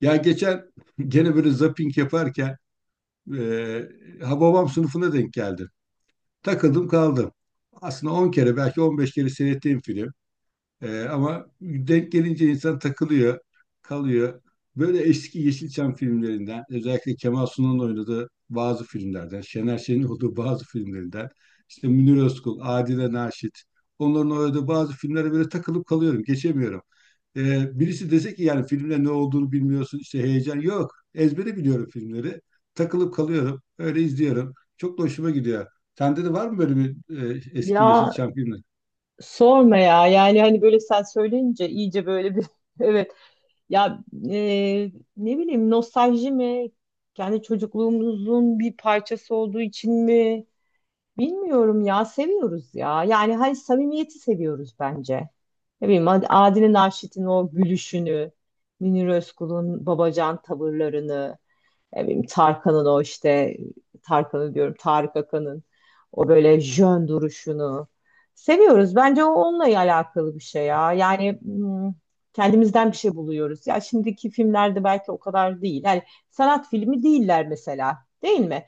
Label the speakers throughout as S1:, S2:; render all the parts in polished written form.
S1: Ya geçen gene böyle zapping yaparken Hababam sınıfına denk geldim. Takıldım kaldım. Aslında 10 kere belki 15 kere seyrettiğim film. Ama denk gelince insan takılıyor, kalıyor. Böyle eski Yeşilçam filmlerinden, özellikle Kemal Sunal'ın oynadığı bazı filmlerden, Şener Şen'in olduğu bazı filmlerinden, işte Münir Özkul, Adile Naşit, onların oynadığı bazı filmlere böyle takılıp kalıyorum, geçemiyorum. Birisi dese ki, yani filmde ne olduğunu bilmiyorsun, işte heyecan yok. Ezbere biliyorum filmleri. Takılıp kalıyorum, öyle izliyorum. Çok da hoşuma gidiyor. Sende de var mı böyle bir eski
S2: Ya
S1: Yeşilçam filmi?
S2: sorma ya yani hani böyle sen söyleyince iyice böyle bir evet ya ne bileyim nostalji mi kendi çocukluğumuzun bir parçası olduğu için mi bilmiyorum ya seviyoruz ya yani hani samimiyeti seviyoruz bence. Ne bileyim Adile Naşit'in o gülüşünü, Münir Özkul'un babacan tavırlarını. Ne bileyim, Tarkan'ın o işte Tarkan'ı diyorum Tarık Akan'ın o böyle jön duruşunu seviyoruz. Bence o onunla alakalı bir şey ya. Yani kendimizden bir şey buluyoruz. Ya şimdiki filmlerde belki o kadar değil. Yani sanat filmi değiller mesela. Değil mi?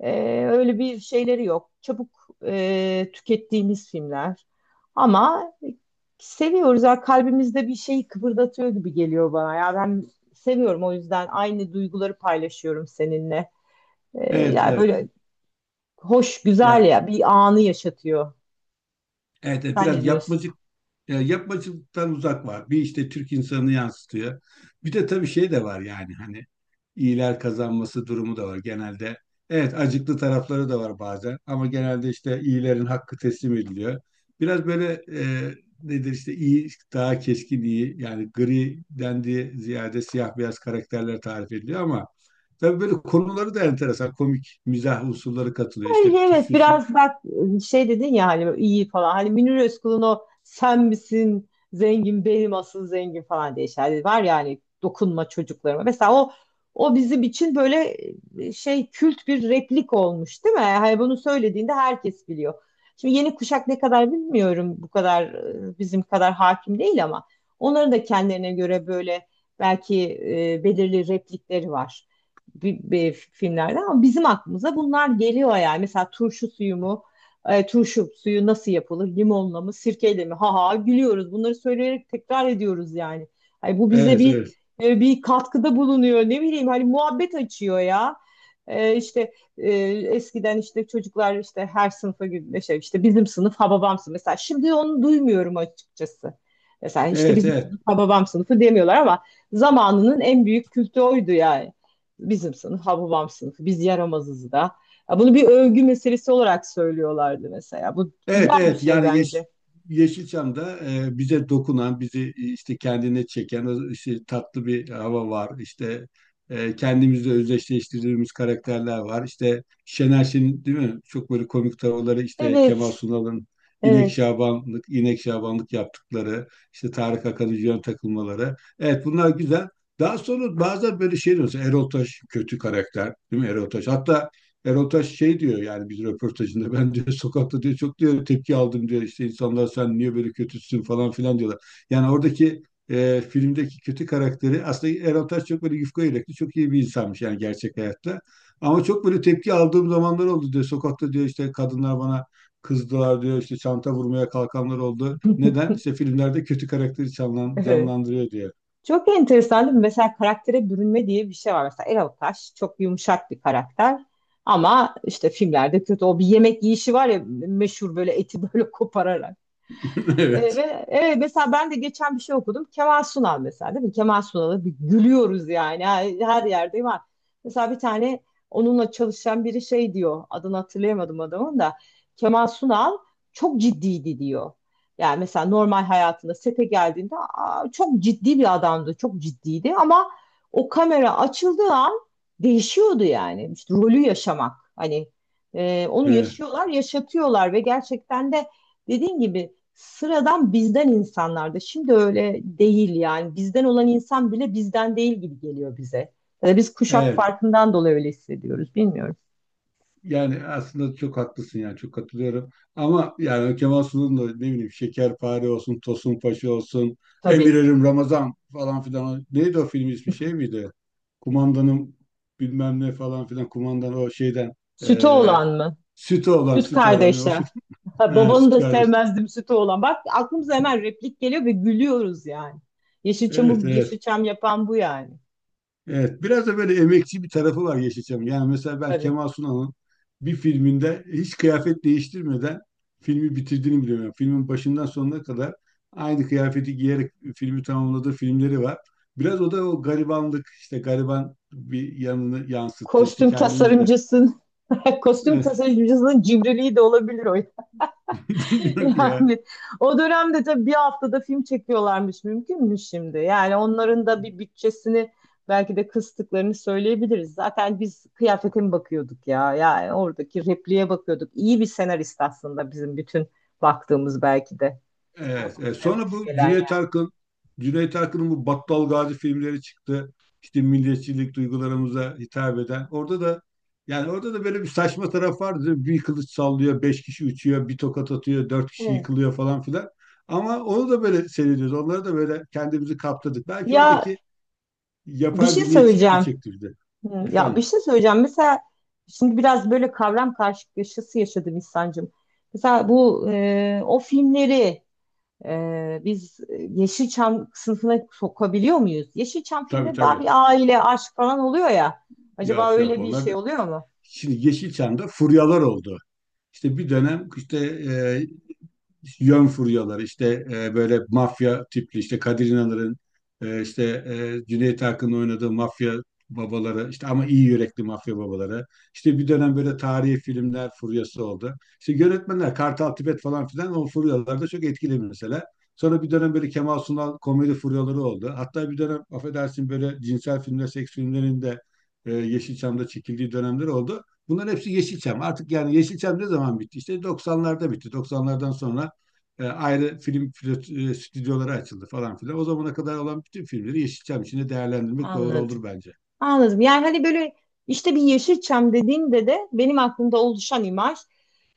S2: Öyle bir şeyleri yok. Çabuk tükettiğimiz filmler. Ama seviyoruz. Ya kalbimizde bir şeyi kıpırdatıyor gibi geliyor bana. Ya ben seviyorum o yüzden aynı duyguları paylaşıyorum seninle.
S1: Evet,
S2: Yani
S1: evet.
S2: böyle hoş, güzel
S1: Yani
S2: ya bir anı yaşatıyor.
S1: evet, evet,
S2: Sen ne
S1: biraz
S2: diyorsun?
S1: yapmacık, yapmacıktan uzak var. Bir işte Türk insanını yansıtıyor. Bir de tabii şey de var, yani hani iyiler kazanması durumu da var genelde. Evet, acıklı tarafları da var bazen, ama genelde işte iyilerin hakkı teslim ediliyor. Biraz böyle nedir, işte iyi daha keskin iyi, yani gri dendiği ziyade siyah beyaz karakterler tarif ediliyor, ama tabii böyle konuları da enteresan komik mizah unsurları katılıyor. İşte
S2: Yani
S1: bir
S2: evet
S1: turşusu.
S2: biraz bak şey dedin ya hani iyi falan. Hani Münir Özkul'un o sen misin zengin benim asıl zengin falan diye şeyler var ya hani dokunma çocuklarıma. Mesela o o bizim için böyle şey kült bir replik olmuş değil mi? Hani bunu söylediğinde herkes biliyor. Şimdi yeni kuşak ne kadar bilmiyorum bu kadar bizim kadar hakim değil ama onların da kendilerine göre böyle belki belirli replikleri var bir filmlerden ama bizim aklımıza bunlar geliyor yani. Mesela turşu suyu mu? E, turşu suyu nasıl yapılır? Limonla mı? Sirkeyle mi? Ha ha gülüyoruz. Bunları söyleyerek tekrar ediyoruz yani. Ay, bu bize
S1: Evet, evet.
S2: bir katkıda bulunuyor. Ne bileyim hani muhabbet açıyor ya. E, işte e, Eskiden işte çocuklar işte her sınıfa gibi şey işte bizim sınıf ha babam sınıfı. Mesela şimdi onu duymuyorum açıkçası. Mesela işte
S1: Evet,
S2: bizim
S1: evet.
S2: sınıf ha babam sınıfı demiyorlar ama zamanının en büyük kültü oydu yani bizim sınıf, ha babam sınıfı, biz yaramazız da. Ya bunu bir övgü meselesi olarak söylüyorlardı mesela. Bu
S1: Evet,
S2: güzel bir
S1: evet,
S2: şey
S1: yani
S2: bence.
S1: Yeşilçam'da bize dokunan, bizi işte kendine çeken o işte tatlı bir hava var. İşte kendimizle özdeşleştirdiğimiz karakterler var. İşte Şener Şen'in, değil mi? Çok böyle komik tavırları, işte Kemal
S2: Evet,
S1: Sunal'ın İnek
S2: evet,
S1: Şabanlık, İnek Şabanlık yaptıkları, işte Tarık Akan'ın yön takılmaları. Evet, bunlar güzel. Daha sonra bazen böyle şey diyorsun. Erol Taş kötü karakter, değil mi Erol Taş? Hatta Erol Taş şey diyor, yani bir röportajında ben diyor, sokakta diyor, çok diyor tepki aldım diyor, işte insanlar sen niye böyle kötüsün falan filan diyorlar. Yani oradaki filmdeki kötü karakteri aslında Erol Taş çok böyle yufka yürekli çok iyi bir insanmış, yani gerçek hayatta. Ama çok böyle tepki aldığım zamanlar oldu diyor, sokakta diyor, işte kadınlar bana kızdılar diyor, işte çanta vurmaya kalkanlar oldu. Neden? İşte filmlerde kötü karakteri
S2: evet.
S1: canlandırıyor diyor.
S2: Çok enteresan değil mi? Mesela karaktere bürünme diye bir şey var. Mesela Erol Taş çok yumuşak bir karakter. Ama işte filmlerde kötü. O bir yemek yiyişi var ya meşhur böyle eti böyle kopararak. E,
S1: Evet.
S2: ve Evet, mesela ben de geçen bir şey okudum. Kemal Sunal mesela değil mi? Kemal Sunal'ı bir gülüyoruz yani her yerde var. Mesela bir tane onunla çalışan biri şey diyor. Adını hatırlayamadım adamın da. Kemal Sunal çok ciddiydi diyor. Yani mesela normal hayatında sete geldiğinde "Aa, çok ciddi bir adamdı, çok ciddiydi ama o kamera açıldığı an değişiyordu yani. İşte rolü yaşamak. Hani onu
S1: Evet.
S2: yaşıyorlar, yaşatıyorlar ve gerçekten de dediğin gibi sıradan bizden insanlardı. Şimdi öyle değil yani. Bizden olan insan bile bizden değil gibi geliyor bize. Ya da biz kuşak
S1: Evet.
S2: farkından dolayı öyle hissediyoruz. Bilmiyorum.
S1: Yani aslında çok haklısın, yani çok katılıyorum. Ama yani Kemal Sunal'ın da ne bileyim Şekerpare olsun, Tosun Paşa olsun,
S2: Tabii.
S1: Emirlerim Ramazan falan filan. Neydi o film ismi, şey miydi? Kumandanım bilmem ne falan filan. Kumandan o şeyden
S2: Sütü
S1: eee
S2: olan mı?
S1: sütü olan,
S2: Süt
S1: sütü olan. O
S2: kardeşler.
S1: süt,
S2: Ha,
S1: he,
S2: babanı
S1: süt
S2: da
S1: kardeş.
S2: sevmezdim sütü olan. Bak aklımıza hemen replik geliyor ve gülüyoruz yani.
S1: Evet,
S2: Yeşilçam'ı
S1: evet.
S2: Yeşilçam yapan bu yani.
S1: Evet, biraz da böyle emekçi bir tarafı var Yeşilçam'ın. Yani mesela ben
S2: Tabii.
S1: Kemal Sunal'ın bir filminde hiç kıyafet değiştirmeden filmi bitirdiğini biliyorum. Yani filmin başından sonuna kadar aynı kıyafeti giyerek filmi tamamladığı filmleri var. Biraz o da o garibanlık, işte gariban bir yanını yansıttı. İşte
S2: Kostüm
S1: kendimiz de.
S2: tasarımcısın. Kostüm tasarımcısının cimriliği de olabilir o.
S1: Bilmiyorum ki ya.
S2: Yani o dönemde tabii bir haftada film çekiyorlarmış mümkün mü şimdi. Yani onların da bir bütçesini belki de kıstıklarını söyleyebiliriz. Zaten biz kıyafete mi bakıyorduk ya? Yani oradaki repliğe bakıyorduk. İyi bir senarist aslında bizim bütün baktığımız belki de. Bu
S1: Evet, evet.
S2: bize
S1: Sonra
S2: hoş
S1: bu
S2: gelen yani.
S1: Cüneyt Arkın'ın bu Battal Gazi filmleri çıktı. İşte milliyetçilik duygularımıza hitap eden. Orada da, yani orada da böyle bir saçma taraf vardı, değil mi? Bir kılıç sallıyor, beş kişi uçuyor, bir tokat atıyor, dört kişi
S2: Evet.
S1: yıkılıyor falan filan. Ama onu da böyle seyrediyoruz. Onları da böyle kendimizi kaptırdık. Belki
S2: Ya
S1: oradaki
S2: bir
S1: yapay
S2: şey
S1: milliyetçilik mi
S2: söyleyeceğim.
S1: çekti bizi?
S2: Hı, ya bir
S1: Efendim,
S2: şey söyleyeceğim. Mesela şimdi biraz böyle kavram karşılaşması yaşadım İhsan'cığım. Mesela bu o filmleri biz Yeşilçam sınıfına sokabiliyor muyuz? Yeşilçam
S1: tabii,
S2: filmde daha
S1: tabii.
S2: bir aile, aşk falan oluyor ya. Acaba
S1: Yok, yok,
S2: öyle bir
S1: onlar da.
S2: şey oluyor mu?
S1: Şimdi Yeşilçam'da furyalar oldu. İşte bir dönem işte e, yön furyaları, işte böyle mafya tipli, işte Kadir İnanır'ın işte Cüneyt Arkın'ın oynadığı mafya babaları, işte ama iyi yürekli mafya babaları, işte bir dönem böyle tarihi filmler furyası oldu. İşte yönetmenler Kartal Tibet falan filan o furyalarda çok etkili mesela. Sonra bir dönem böyle Kemal Sunal komedi furyaları oldu. Hatta bir dönem, affedersin, böyle cinsel filmler, seks filmlerinin de Yeşilçam'da çekildiği dönemler oldu. Bunların hepsi Yeşilçam. Artık yani Yeşilçam ne zaman bitti? İşte 90'larda bitti. 90'lardan sonra ayrı film stüdyoları açıldı falan filan. O zamana kadar olan bütün filmleri Yeşilçam içinde değerlendirmek doğru
S2: Anladım.
S1: olur bence.
S2: Anladım. Yani hani böyle işte bir Yeşilçam dediğinde de benim aklımda oluşan imaj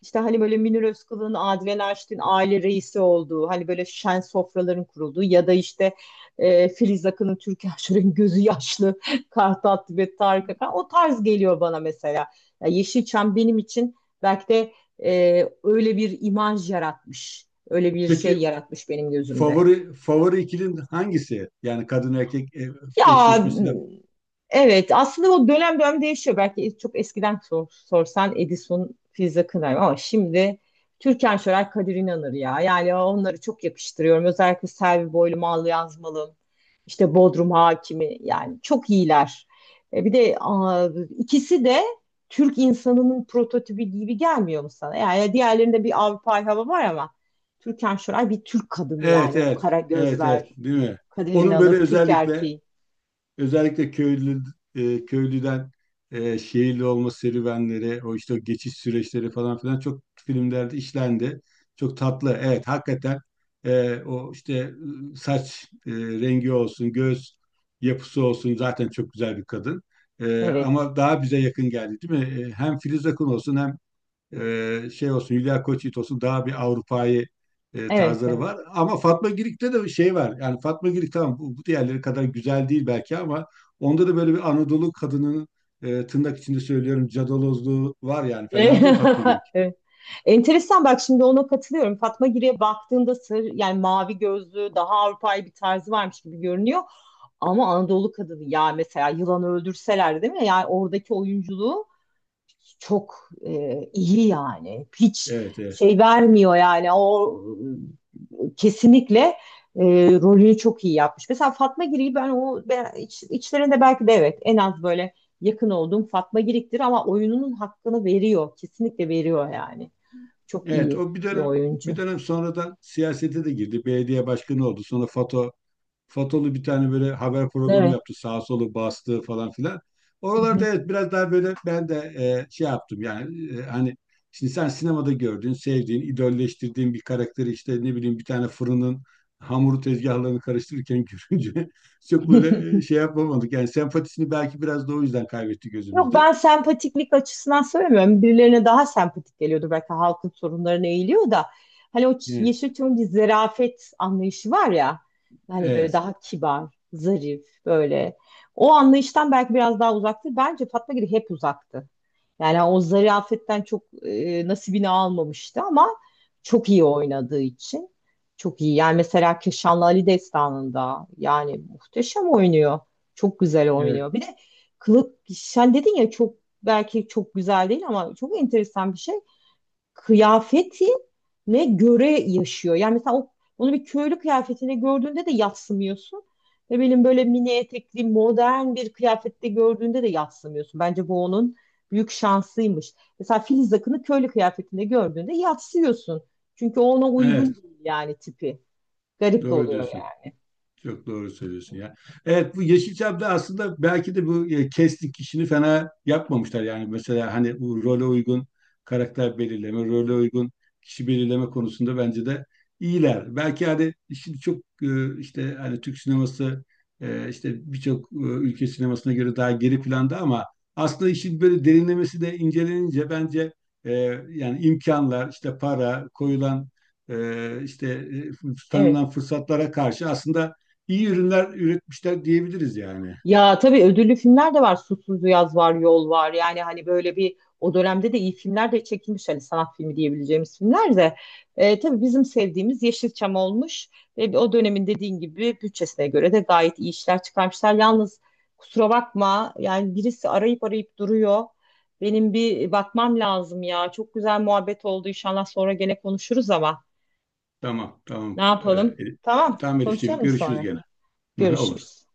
S2: işte hani böyle Münir Özkul'un, Adile Naşit'in aile reisi olduğu, hani böyle şen sofraların kurulduğu ya da işte Filiz Akın'ın Türkan Şoray'ın gözü yaşlı, Kartal Tibet, Tarık Akan o tarz geliyor bana mesela. Ya Yeşilçam benim için belki de öyle bir imaj yaratmış, öyle bir şey
S1: Peki
S2: yaratmış benim gözümde.
S1: favori favori ikilin hangisi? Yani kadın erkek
S2: Ya
S1: eşleşmesiyle.
S2: evet aslında o dönem dönem değişiyor. Belki çok eskiden sorsan Edison, Filiz Akınar ama şimdi Türkan Şoray, Kadir İnanır ya. Yani onları çok yakıştırıyorum. Özellikle Selvi Boylu, Mal Yazmalım, işte Bodrum Hakimi yani çok iyiler. Bir de aa, ikisi de Türk insanının prototipi gibi gelmiyor mu sana? Yani diğerlerinde bir Avrupa hava var ama Türkan Şoray bir Türk kadını
S1: Evet,
S2: yani o
S1: evet.
S2: kara
S1: Evet, evet,
S2: gözler,
S1: değil mi?
S2: Kadir
S1: Onun
S2: İnanır,
S1: böyle
S2: Türk
S1: özellikle.
S2: erkeği.
S1: Özellikle köylü köylüden şehirli olma serüvenleri, o işte o geçiş süreçleri falan filan çok filmlerde işlendi. Çok tatlı. Evet, hakikaten o işte saç rengi olsun, göz yapısı olsun, zaten çok güzel bir kadın.
S2: Evet.
S1: Ama daha bize yakın geldi, değil mi? Hem Filiz Akın olsun hem şey olsun Hülya Koçyiğit olsun daha bir Avrupa'yı
S2: Evet,
S1: tarzları
S2: evet.
S1: var. Ama Fatma Girik'te de bir şey var. Yani Fatma Girik tamam, bu diğerleri kadar güzel değil belki, ama onda da böyle bir Anadolu kadının tırnak içinde söylüyorum cadalozluğu var yani. Fena değil Fatma Girik.
S2: Evet. Enteresan bak şimdi ona katılıyorum. Fatma Giri'ye baktığında sır yani mavi gözlü daha Avrupa'yı bir tarzı varmış gibi görünüyor. Ama Anadolu kadını ya mesela yılanı öldürseler değil mi? Yani oradaki oyunculuğu çok iyi yani. Hiç
S1: Evet, evet.
S2: şey vermiyor yani. O kesinlikle e, rolünü çok iyi yapmış. Mesela Fatma Girik'i ben o içlerinde belki de evet en az böyle yakın olduğum Fatma Girik'tir ama oyununun hakkını veriyor. Kesinlikle veriyor yani. Çok
S1: Evet
S2: iyi
S1: o bir
S2: bir
S1: dönem,
S2: oyuncu.
S1: sonradan siyasete de girdi. Belediye başkanı oldu. Sonra FATO, Fatolu bir tane böyle haber programı
S2: Evet.
S1: yaptı. Sağ solu bastı falan filan.
S2: Hı
S1: Oralarda
S2: hı.
S1: evet biraz daha böyle ben de şey yaptım, yani hani şimdi sen sinemada gördüğün, sevdiğin, idolleştirdiğin bir karakteri işte ne bileyim bir tane fırının hamuru tezgahlarını karıştırırken görünce çok böyle şey yapamadık. Yani sempatisini belki biraz da o yüzden kaybetti
S2: Yok
S1: gözümüzde.
S2: ben sempatiklik açısından söylemiyorum. Birilerine daha sempatik geliyordur. Belki halkın sorunlarına eğiliyor da. Hani o
S1: Evet,
S2: Yeşilçam'ın bir zerafet anlayışı var ya. Hani böyle
S1: evet,
S2: daha kibar, zarif böyle. O anlayıştan belki biraz daha uzaktır. Bence Fatma Giri hep uzaktı. Yani o zarafetten çok nasibini almamıştı ama çok iyi oynadığı için. Çok iyi. Yani mesela Keşanlı Ali Destanı'nda yani muhteşem oynuyor. Çok güzel
S1: evet,
S2: oynuyor. Bir de kılık sen dedin ya çok belki çok güzel değil ama çok enteresan bir şey kıyafetine göre yaşıyor. Yani mesela o, onu bir köylü kıyafetine gördüğünde de yadsımıyorsun. Ve benim böyle mini etekli modern bir kıyafette gördüğünde de yadsımıyorsun. Bence bu onun büyük şansıymış. Mesela Filiz Akın'ı köylü kıyafetinde gördüğünde yadsıyorsun. Çünkü ona
S1: evet,
S2: uygun değil yani tipi. Garip de
S1: doğru
S2: oluyor
S1: diyorsun.
S2: yani.
S1: Çok doğru söylüyorsun ya. Evet bu Yeşilçam'da aslında belki de kestik işini fena yapmamışlar. Yani mesela hani bu role uygun karakter belirleme, role uygun kişi belirleme konusunda bence de iyiler. Belki hani şimdi çok işte hani Türk sineması işte birçok ülke sinemasına göre daha geri planda, ama aslında işin böyle derinlemesi de incelenince bence e, yani imkanlar, işte para, koyulan e, işte
S2: Evet.
S1: tanınan fırsatlara karşı aslında iyi ürünler üretmişler diyebiliriz yani.
S2: Ya tabii ödüllü filmler de var. Susuz Yaz var, Yol var. Yani hani böyle bir o dönemde de iyi filmler de çekilmiş. Hani sanat filmi diyebileceğimiz filmler de. Tabii bizim sevdiğimiz Yeşilçam olmuş. Ve o dönemin dediğin gibi bütçesine göre de gayet iyi işler çıkarmışlar. Yalnız kusura bakma yani birisi arayıp duruyor. Benim bir bakmam lazım ya. Çok güzel muhabbet oldu. İnşallah sonra gene konuşuruz ama
S1: Tamam,
S2: ne
S1: tamam.
S2: yapalım? Tamam,
S1: Tamam Elifciğim,
S2: konuşalım
S1: görüşürüz
S2: sonra.
S1: gene. Olur.
S2: Görüşürüz.